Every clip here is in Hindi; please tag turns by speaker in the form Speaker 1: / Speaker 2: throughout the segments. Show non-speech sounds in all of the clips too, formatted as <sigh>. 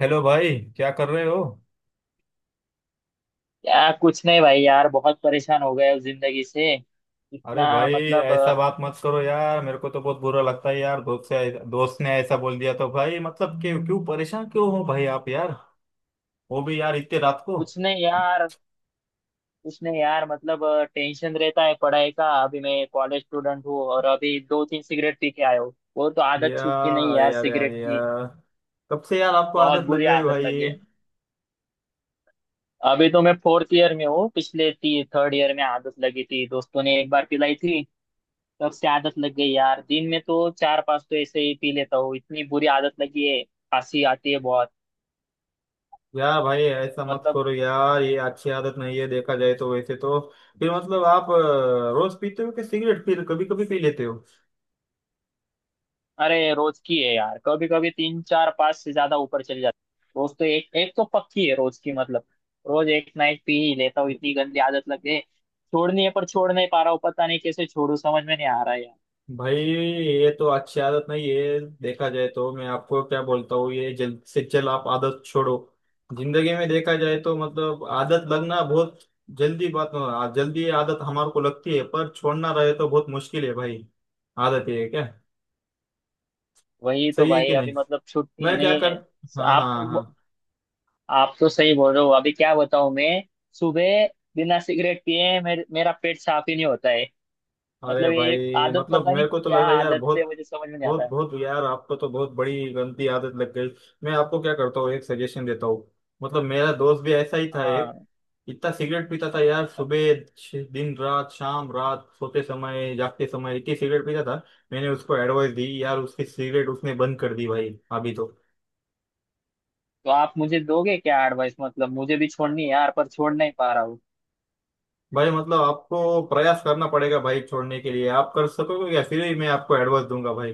Speaker 1: हेलो भाई, क्या कर रहे हो।
Speaker 2: या कुछ नहीं भाई, यार बहुत परेशान हो गए उस जिंदगी से।
Speaker 1: अरे
Speaker 2: इतना
Speaker 1: भाई,
Speaker 2: मतलब
Speaker 1: ऐसा बात मत करो यार, मेरे को तो बहुत बुरा लगता है यार, दोस्त से दोस्त ने ऐसा बोल दिया तो। भाई मतलब कि क्यों परेशान, क्यों हो भाई आप यार? वो भी यार इतने रात को।
Speaker 2: कुछ नहीं यार। कुछ नहीं यार, मतलब टेंशन रहता है पढ़ाई का। अभी मैं कॉलेज स्टूडेंट हूँ और अभी दो तीन सिगरेट पी के आया हूँ। वो तो आदत छूटती नहीं
Speaker 1: यार
Speaker 2: यार
Speaker 1: यार यार
Speaker 2: सिगरेट की।
Speaker 1: यार, कब से यार आपको
Speaker 2: बहुत
Speaker 1: आदत लग
Speaker 2: बुरी
Speaker 1: गई
Speaker 2: आदत लगी
Speaker 1: भाई?
Speaker 2: है। अभी तो मैं फोर्थ ईयर में हूँ, पिछले ती थर्ड ईयर में आदत लगी थी, दोस्तों ने एक बार पिलाई थी। तब से आदत लग गई यार। दिन में तो चार पांच तो ऐसे ही पी लेता हूँ, इतनी बुरी आदत लगी है। खांसी आती है बहुत।
Speaker 1: यार भाई ऐसा मत
Speaker 2: मतलब
Speaker 1: करो यार, ये अच्छी आदत नहीं है, देखा जाए तो वैसे तो फिर मतलब आप रोज पीते हो कि सिगरेट, फिर कभी कभी पी लेते हो?
Speaker 2: अरे, रोज की है यार। कभी कभी तीन चार पांच से ज्यादा ऊपर चली जाती है। रोज तो एक एक तो पक्की है, रोज की मतलब। रोज एक ना एक पी ही लेता हूँ, इतनी गंदी आदत लग गई है। छोड़नी है पर छोड़ नहीं पा रहा हूँ, पता नहीं कैसे छोड़ू, समझ में नहीं आ रहा है यार।
Speaker 1: भाई ये तो अच्छी आदत नहीं है, देखा जाए तो। मैं आपको क्या बोलता हूँ, ये जल्द से जल्द आप आदत छोड़ो। जिंदगी में देखा जाए तो मतलब आदत लगना बहुत जल्दी, जल्दी आदत हमारे को लगती है, पर छोड़ना रहे तो बहुत मुश्किल है भाई। आदत ये है क्या?
Speaker 2: वही तो
Speaker 1: सही है
Speaker 2: भाई,
Speaker 1: कि
Speaker 2: अभी
Speaker 1: नहीं?
Speaker 2: मतलब छुट्टी है
Speaker 1: मैं क्या
Speaker 2: नहीं
Speaker 1: कर।
Speaker 2: है।
Speaker 1: हाँ
Speaker 2: आप तो,
Speaker 1: हाँ हाँ।
Speaker 2: आप तो सही बोल रहे हो। अभी क्या बताऊं मैं। सुबह बिना सिगरेट पिए मेरा पेट साफ ही नहीं होता है।
Speaker 1: अरे
Speaker 2: मतलब ये
Speaker 1: भाई
Speaker 2: आदत
Speaker 1: मतलब
Speaker 2: पता नहीं
Speaker 1: मेरे को तो लग
Speaker 2: क्या
Speaker 1: रहा है यार,
Speaker 2: आदत है,
Speaker 1: बहुत
Speaker 2: मुझे समझ में नहीं आता
Speaker 1: बहुत
Speaker 2: है।
Speaker 1: बहुत यार, आपको तो बहुत बड़ी गंदी आदत लग गई। मैं आपको क्या करता हूँ, एक सजेशन देता हूँ। मतलब मेरा दोस्त भी ऐसा ही था एक,
Speaker 2: हाँ।
Speaker 1: इतना सिगरेट पीता था यार, सुबह दिन रात शाम रात, सोते समय जागते समय इतनी सिगरेट पीता था। मैंने उसको एडवाइस दी यार, उसकी सिगरेट उसने बंद कर दी भाई अभी तो।
Speaker 2: तो आप मुझे दोगे क्या एडवाइस? मतलब मुझे भी छोड़नी है यार पर छोड़ नहीं पा रहा हूँ।
Speaker 1: भाई मतलब आपको प्रयास करना पड़ेगा भाई छोड़ने के लिए, आप कर सकोगे क्या, फिर ही मैं आपको एडवाइस दूंगा भाई।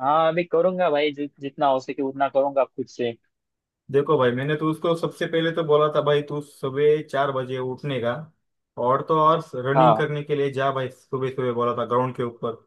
Speaker 2: हाँ अभी करूंगा भाई, जितना हो सके उतना करूंगा खुद से।
Speaker 1: देखो भाई, मैंने तो उसको सबसे पहले तो बोला था भाई, तू सुबह चार बजे उठने का, और तो और रनिंग
Speaker 2: हाँ।
Speaker 1: करने के लिए जा भाई, सुबह सुबह बोला था ग्राउंड के ऊपर।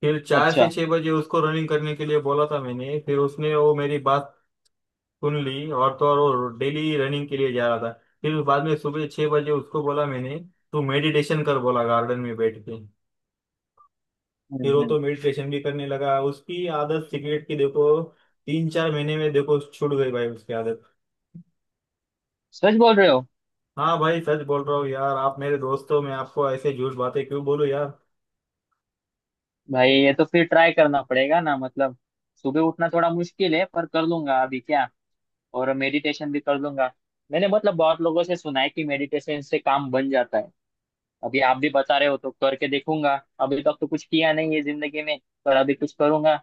Speaker 1: फिर चार से
Speaker 2: अच्छा।
Speaker 1: छह बजे उसको रनिंग करने के लिए बोला था मैंने, फिर उसने वो मेरी बात सुन ली, और तो और वो डेली रनिंग के लिए जा रहा था। फिर बाद में सुबह छह बजे उसको बोला मैंने, तू मेडिटेशन कर, बोला गार्डन में बैठ के। फिर वो
Speaker 2: हम्म।
Speaker 1: तो मेडिटेशन भी करने लगा, उसकी आदत सिगरेट की देखो तीन चार महीने में देखो छूट गई भाई उसकी आदत।
Speaker 2: सच बोल रहे हो?
Speaker 1: हाँ भाई सच बोल रहा हूँ यार, आप मेरे दोस्त हो, मैं आपको ऐसे झूठ बातें क्यों बोलूँ यार।
Speaker 2: भाई ये तो फिर ट्राई करना पड़ेगा ना मतलब। सुबह उठना थोड़ा मुश्किल है पर कर लूंगा अभी क्या। और मेडिटेशन भी कर लूंगा। मैंने मतलब बहुत लोगों से सुना है कि मेडिटेशन से काम बन जाता है। अभी आप भी बता रहे हो तो करके देखूंगा। अभी तक तो कुछ किया नहीं है जिंदगी में। पर अभी कुछ करूंगा।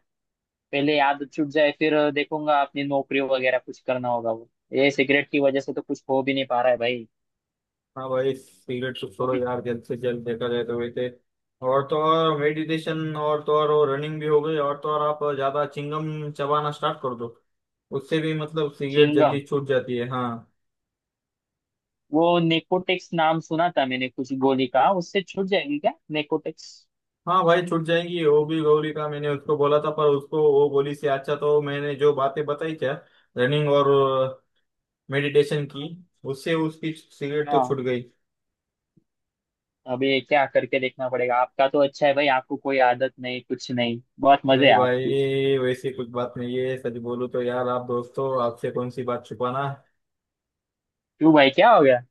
Speaker 2: पहले याद छूट जाए फिर देखूंगा, अपनी नौकरी वगैरह कुछ करना होगा वो, ये सिगरेट की वजह से तो कुछ हो भी नहीं पा रहा है भाई।
Speaker 1: हाँ भाई, सिगरेट तो छोड़ो
Speaker 2: अभी
Speaker 1: यार जल्द से जल्द, देखा जाए तो वैसे, और तो और मेडिटेशन, और तो और रनिंग भी हो गई, और तो और आप ज्यादा चिंगम चबाना स्टार्ट कर दो। उससे भी मतलब सिगरेट
Speaker 2: चिंगम,
Speaker 1: जल्दी छूट जाती है, हाँ।
Speaker 2: वो नेकोटेक्स नाम सुना था मैंने कुछ गोली का, उससे छूट जाएगी क्या नेकोटेक्स?
Speaker 1: हाँ भाई छूट जाएंगी, वो भी गौरी का मैंने उसको बोला था, पर उसको वो बोली से अच्छा तो मैंने जो बातें बताई क्या, रनिंग और मेडिटेशन की, उससे उसकी सिगरेट तो
Speaker 2: हाँ।
Speaker 1: छूट गई।
Speaker 2: अभी क्या करके देखना पड़ेगा। आपका तो अच्छा है भाई, आपको कोई आदत नहीं, कुछ नहीं, बहुत मजे
Speaker 1: नहीं
Speaker 2: है आपकी।
Speaker 1: भाई वैसी कुछ बात नहीं है, सच बोलूं तो यार आप दोस्तों आपसे कौन सी बात छुपाना।
Speaker 2: क्यों भाई क्या हो गया?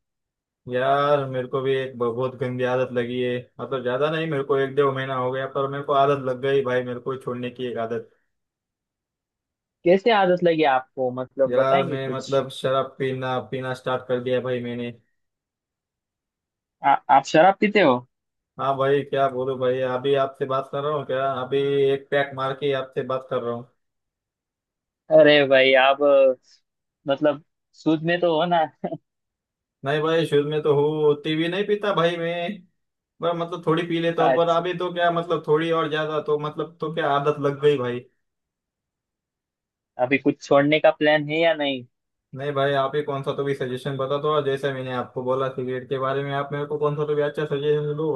Speaker 1: यार मेरे को भी एक बहुत गंदी आदत लगी है, मतलब ज्यादा नहीं, मेरे को एक डेढ़ महीना हो गया पर मेरे को आदत लग गई भाई, मेरे को छोड़ने की एक आदत।
Speaker 2: कैसे आदत लगी आपको, मतलब
Speaker 1: यार
Speaker 2: बताएंगे
Speaker 1: मैं
Speaker 2: कुछ?
Speaker 1: मतलब शराब पीना पीना स्टार्ट कर दिया भाई मैंने।
Speaker 2: आप शराब पीते हो?
Speaker 1: हाँ भाई क्या बोलूं भाई, अभी आपसे बात कर रहा हूँ क्या अभी एक पैक मार के आपसे बात कर रहा हूँ।
Speaker 2: अरे भाई आप मतलब सूद में तो हो ना? <laughs>
Speaker 1: नहीं भाई, शुरू में तो हूँ, टीवी नहीं पीता भाई मैं, पर मतलब थोड़ी पी लेता हूँ, पर
Speaker 2: अच्छा।
Speaker 1: अभी तो क्या मतलब थोड़ी और ज्यादा तो मतलब तो क्या आदत लग गई भाई।
Speaker 2: अभी कुछ छोड़ने का प्लान है या नहीं?
Speaker 1: नहीं भाई आप ही कौन सा तो भी सजेशन बता दो, और जैसे मैंने आपको बोला सिगरेट के बारे में, आप मेरे को कौन सा तो भी अच्छा सजेशन दो।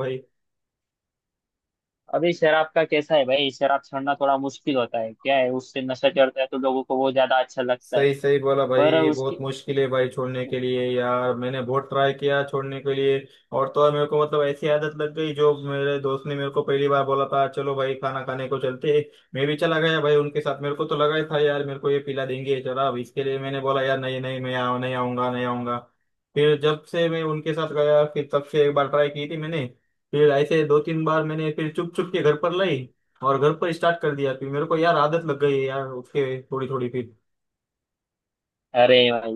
Speaker 2: अभी शराब का कैसा है भाई? शराब छोड़ना थोड़ा मुश्किल होता है क्या है, उससे नशा चढ़ता है तो लोगों को वो ज्यादा अच्छा लगता है।
Speaker 1: सही सही बोला
Speaker 2: पर
Speaker 1: भाई, बहुत
Speaker 2: उसकी
Speaker 1: मुश्किल है भाई छोड़ने के लिए यार, मैंने बहुत ट्राई किया छोड़ने के लिए। और तो और मेरे को मतलब ऐसी आदत लग गई, जो मेरे दोस्त ने मेरे को पहली बार बोला था, "चलो भाई खाना खाने को चलते हैं।" मैं भी चला गया भाई उनके साथ, मेरे को तो लगा ही था यार मेरे को ये पिला देंगे जरा, अब इसके लिए मैंने बोला यार, नहीं नहीं मैं आऊ नहीं आऊंगा, नहीं आऊंगा। फिर जब से मैं उनके साथ गया, फिर तब से एक बार ट्राई की थी मैंने, फिर ऐसे दो तीन बार मैंने, फिर चुप चुप के घर पर लाई और घर पर स्टार्ट कर दिया, फिर मेरे को यार आदत लग गई यार उसके थोड़ी थोड़ी फिर।
Speaker 2: अरे भाई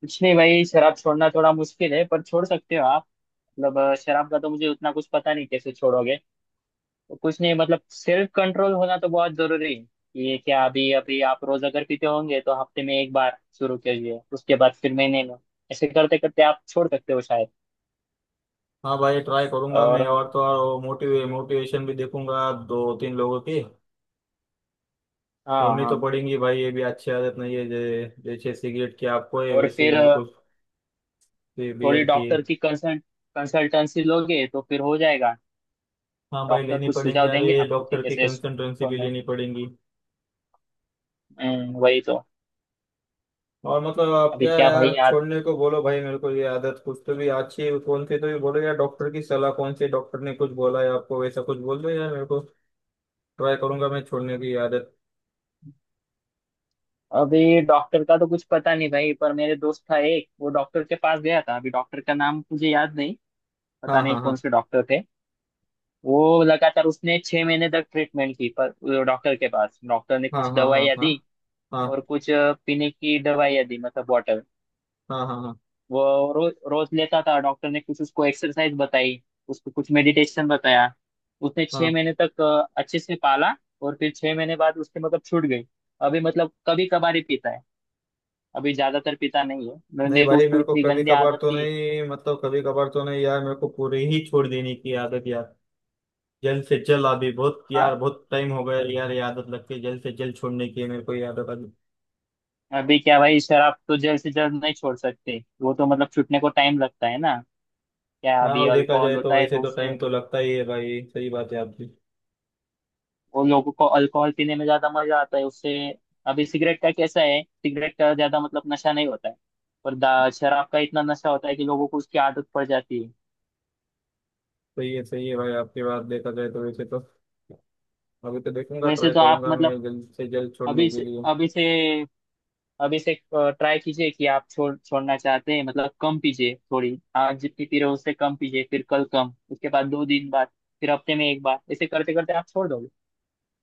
Speaker 2: कुछ नहीं भाई, शराब छोड़ना थोड़ा मुश्किल है पर छोड़ सकते हो आप। मतलब शराब का तो मुझे उतना कुछ पता नहीं कैसे छोड़ोगे। तो कुछ नहीं मतलब सेल्फ कंट्रोल होना तो बहुत जरूरी है। ये क्या अभी अभी आप रोज अगर पीते होंगे तो हफ्ते में एक बार शुरू कीजिए, उसके बाद फिर महीने में, ऐसे करते करते आप छोड़ सकते हो शायद।
Speaker 1: हाँ भाई ट्राई करूंगा
Speaker 2: और
Speaker 1: मैं, और तो और मोटिवेशन भी देखूंगा दो तीन लोगों की।
Speaker 2: हाँ
Speaker 1: छोड़नी तो
Speaker 2: हाँ।
Speaker 1: पड़ेंगी भाई, ये भी अच्छी आदत नहीं है, जैसे सिगरेट की आपको है
Speaker 2: और
Speaker 1: वैसे ही
Speaker 2: फिर
Speaker 1: मेरे को
Speaker 2: थोड़ी
Speaker 1: बियर की है।
Speaker 2: डॉक्टर की कंसल्टेंसी लोगे तो फिर हो जाएगा।
Speaker 1: हाँ भाई
Speaker 2: डॉक्टर
Speaker 1: लेनी
Speaker 2: कुछ
Speaker 1: पड़ेंगी,
Speaker 2: सुझाव
Speaker 1: अभी
Speaker 2: देंगे आपको कि
Speaker 1: डॉक्टर की
Speaker 2: कैसे
Speaker 1: कंसल्टेंसी भी
Speaker 2: छोड़ने।
Speaker 1: लेनी पड़ेगी।
Speaker 2: वही तो।
Speaker 1: और मतलब आप
Speaker 2: अभी
Speaker 1: क्या
Speaker 2: क्या भाई
Speaker 1: यार
Speaker 2: यार।
Speaker 1: छोड़ने को बोलो भाई मेरे को, ये आदत कुछ तो भी अच्छी है, कौन सी तो भी बोलो यार, डॉक्टर की सलाह कौन से डॉक्टर ने कुछ बोला है आपको, वैसा कुछ बोल दो यार मेरे को। ट्राई करूंगा मैं छोड़ने की आदत।
Speaker 2: अभी डॉक्टर का तो कुछ पता नहीं भाई, पर मेरे दोस्त था एक, वो डॉक्टर के पास गया था। अभी डॉक्टर का नाम मुझे याद नहीं,
Speaker 1: हाँ
Speaker 2: पता नहीं
Speaker 1: हाँ
Speaker 2: कौन
Speaker 1: हाँ
Speaker 2: से डॉक्टर थे। वो लगातार उसने छह महीने तक ट्रीटमेंट की। पर वो डॉक्टर के पास, डॉक्टर ने
Speaker 1: हाँ
Speaker 2: कुछ
Speaker 1: हाँ हाँ
Speaker 2: दवाइयाँ
Speaker 1: हाँ
Speaker 2: दी और
Speaker 1: हाँ
Speaker 2: कुछ पीने की दवाइयाँ दी, मतलब वाटर।
Speaker 1: हाँ हाँ हाँ
Speaker 2: वो रोज लेता था। डॉक्टर ने कुछ उसको एक्सरसाइज बताई, उसको कुछ मेडिटेशन बताया। उसने छह
Speaker 1: हाँ।
Speaker 2: महीने तक अच्छे से पाला। और फिर छह महीने बाद उसके मतलब छूट गई। अभी मतलब कभी कभार ही पीता है, अभी ज्यादातर पीता नहीं है।
Speaker 1: नहीं
Speaker 2: मैंने तो
Speaker 1: भाई
Speaker 2: उसको
Speaker 1: मेरे को
Speaker 2: इतनी
Speaker 1: कभी
Speaker 2: गंदी
Speaker 1: कभार
Speaker 2: आदत
Speaker 1: तो
Speaker 2: थी।
Speaker 1: नहीं, मतलब कभी कभार तो नहीं यार, मेरे को पूरी ही छोड़ देने की आदत यार, जल्द से जल्द, अभी बहुत
Speaker 2: हाँ,
Speaker 1: यार बहुत टाइम हो गया यार, ये आदत लग के जल्द से जल्द छोड़ने की है मेरे को ये आदत अभी।
Speaker 2: अभी क्या भाई, शराब तो जल्द से जल्द नहीं छोड़ सकते, वो तो मतलब छूटने को टाइम लगता है ना। क्या
Speaker 1: हाँ,
Speaker 2: अभी
Speaker 1: वो देखा
Speaker 2: अल्कोहल
Speaker 1: जाए तो
Speaker 2: होता है
Speaker 1: वैसे
Speaker 2: तो
Speaker 1: तो
Speaker 2: उससे,
Speaker 1: टाइम तो लगता ही है भाई, सही बात है आपकी।
Speaker 2: और लोगों को अल्कोहल पीने में ज्यादा मजा आता है उससे। अभी सिगरेट का कैसा है, सिगरेट का ज्यादा मतलब नशा नहीं होता है, पर शराब का इतना नशा होता है कि लोगों को उसकी आदत पड़ जाती है।
Speaker 1: सही है, सही है भाई, आपकी बात देखा जाए तो वैसे तो। अभी तो देखूंगा,
Speaker 2: वैसे
Speaker 1: ट्राई
Speaker 2: तो आप
Speaker 1: करूंगा मैं
Speaker 2: मतलब
Speaker 1: जल्द से जल्द छोड़ने
Speaker 2: अभी
Speaker 1: के
Speaker 2: से
Speaker 1: लिए।
Speaker 2: अभी से अभी से ट्राई कीजिए कि आप छोड़ना चाहते हैं। मतलब कम पीजिए थोड़ी, आज जितनी पी रहे हो उससे कम पीजिए, फिर कल कम, उसके बाद दो दिन बाद, फिर हफ्ते में एक बार, ऐसे करते करते आप छोड़ दोगे।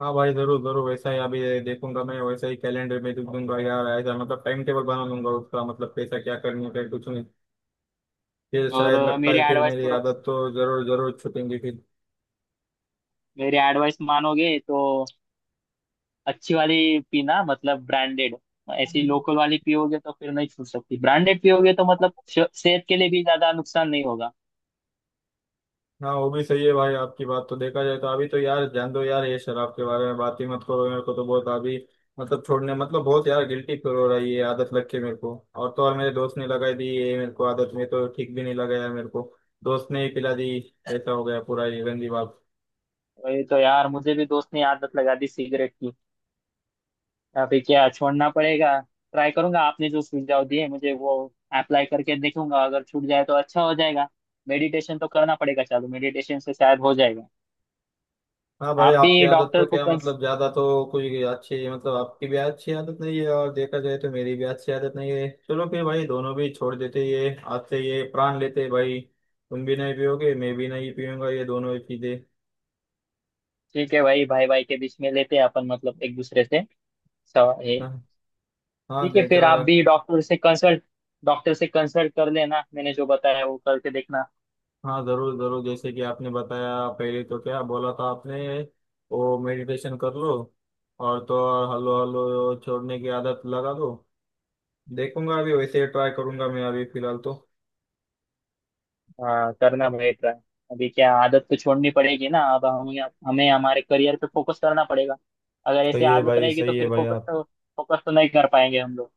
Speaker 1: हाँ भाई जरूर जरूर, वैसा ही अभी देखूंगा मैं, वैसा ही कैलेंडर में लिख दूंगा यार, ऐसा मतलब टाइम टेबल बना लूंगा उसका, मतलब पैसा क्या करने का कुछ नहीं, फिर
Speaker 2: और
Speaker 1: शायद लगता
Speaker 2: मेरी
Speaker 1: है फिर
Speaker 2: एडवाइस
Speaker 1: मेरी
Speaker 2: तो,
Speaker 1: आदत तो जरूर जरूर छूटेंगी फिर।
Speaker 2: मेरी एडवाइस मानोगे तो अच्छी वाली पीना, मतलब ब्रांडेड। ऐसी लोकल वाली पियोगे तो फिर नहीं छूट सकती। ब्रांडेड पियोगे तो मतलब सेहत के लिए भी ज्यादा नुकसान नहीं होगा।
Speaker 1: हाँ वो भी सही है भाई, आपकी बात तो देखा जाए तो। अभी तो यार जान दो यार, ये शराब के बारे में बात ही मत करो, मेरे को तो बहुत अभी मतलब छोड़ने मतलब बहुत यार गिल्टी फील हो रही है ये आदत लग के मेरे को, और तो और मेरे दोस्त ने लगाई दी ये मेरे को आदत, में तो ठीक भी नहीं लगा यार मेरे को, दोस्त ने ही पिला दी, ऐसा हो गया पूरा ये गंदी बात।
Speaker 2: वही तो यार, मुझे भी दोस्त ने आदत लगा दी सिगरेट की। अभी क्या छोड़ना पड़ेगा। ट्राई करूंगा, आपने जो सुझाव दिए मुझे वो अप्लाई करके देखूंगा, अगर छूट जाए तो अच्छा हो जाएगा। मेडिटेशन तो करना पड़ेगा चालू, मेडिटेशन से शायद हो जाएगा।
Speaker 1: हाँ भाई
Speaker 2: आप
Speaker 1: आपकी
Speaker 2: भी
Speaker 1: आदत तो
Speaker 2: डॉक्टर को
Speaker 1: क्या
Speaker 2: कंस-।
Speaker 1: मतलब ज्यादा तो कोई अच्छी, मतलब आपकी भी अच्छी आदत नहीं है, और देखा जाए तो मेरी भी अच्छी आदत नहीं है, चलो फिर भाई दोनों भी छोड़ देते ये आज से, ये प्राण लेते हैं भाई, तुम भी नहीं पियोगे मैं भी नहीं पीऊंगा ये दोनों ही चीजें।
Speaker 2: ठीक है भाई, भाई भाई के बीच में लेते हैं अपन, मतलब एक दूसरे से। सवा- ये।
Speaker 1: हाँ। हाँ
Speaker 2: ठीक है
Speaker 1: दे
Speaker 2: फिर,
Speaker 1: चला।
Speaker 2: आप भी डॉक्टर से कंसल्ट कर लेना, मैंने जो बताया वो करके देखना।
Speaker 1: हाँ जरूर जरूर, जैसे कि आपने बताया पहले तो, क्या बोला था आपने, वो मेडिटेशन कर लो, और तो और हल्लो हल्लो छोड़ने की आदत लगा दो। देखूंगा अभी, वैसे ट्राई करूंगा मैं अभी फिलहाल तो।
Speaker 2: हाँ करना भाई ट्राई। अभी क्या आदत तो छोड़नी पड़ेगी ना अब हमें। हमें हमारे करियर पे फोकस करना पड़ेगा। अगर ऐसी
Speaker 1: सही है
Speaker 2: आदत
Speaker 1: भाई,
Speaker 2: रहेगी तो
Speaker 1: सही है
Speaker 2: फिर
Speaker 1: भाई।
Speaker 2: फोकस तो नहीं कर पाएंगे हम लोग।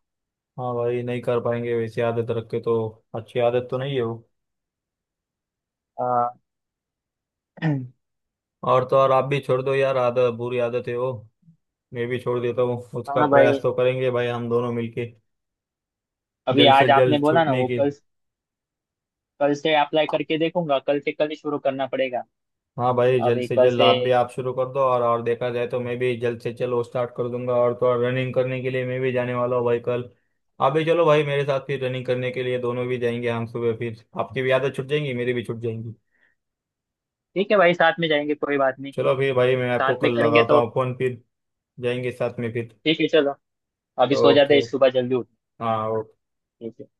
Speaker 1: हाँ भाई नहीं कर पाएंगे वैसी आदत रख के तो, अच्छी आदत तो नहीं है वो।
Speaker 2: हाँ। <clears throat>
Speaker 1: और तो और आप भी छोड़ दो यार, आदत बुरी आदत है वो, मैं भी छोड़ देता हूँ, उसका
Speaker 2: हाँ
Speaker 1: प्रयास
Speaker 2: भाई।
Speaker 1: तो करेंगे भाई हम दोनों मिलके।
Speaker 2: अभी
Speaker 1: जल्द से
Speaker 2: आज आपने
Speaker 1: जल्द
Speaker 2: बोला ना
Speaker 1: छूटने
Speaker 2: वो
Speaker 1: की।
Speaker 2: कल, कल से अप्लाई करके देखूंगा। कल से, कल ही शुरू करना पड़ेगा।
Speaker 1: हाँ भाई जल्द
Speaker 2: अभी
Speaker 1: से
Speaker 2: कल
Speaker 1: जल्द
Speaker 2: से।
Speaker 1: आप भी, आप शुरू कर दो, और देखा जाए तो मैं भी जल्द से जल्द वो स्टार्ट कर दूंगा, और तो और रनिंग करने के लिए मैं भी जाने वाला हूँ भाई कल, आप भी चलो भाई मेरे साथ फिर रनिंग करने के लिए, दोनों भी जाएंगे हम सुबह, फिर आपकी भी आदत छूट जाएंगी मेरी भी छूट जाएंगी।
Speaker 2: ठीक है भाई, साथ में जाएंगे कोई बात नहीं।
Speaker 1: चलो फिर भाई, मैं आपको
Speaker 2: साथ में
Speaker 1: कल
Speaker 2: करेंगे
Speaker 1: लगाता
Speaker 2: तो।
Speaker 1: हूँ फोन, फिर जाएंगे साथ में फिर।
Speaker 2: ठीक है, चलो। अभी सो जाते
Speaker 1: ओके।
Speaker 2: हैं, सुबह जल्दी उठ।
Speaker 1: हाँ।
Speaker 2: ठीक है।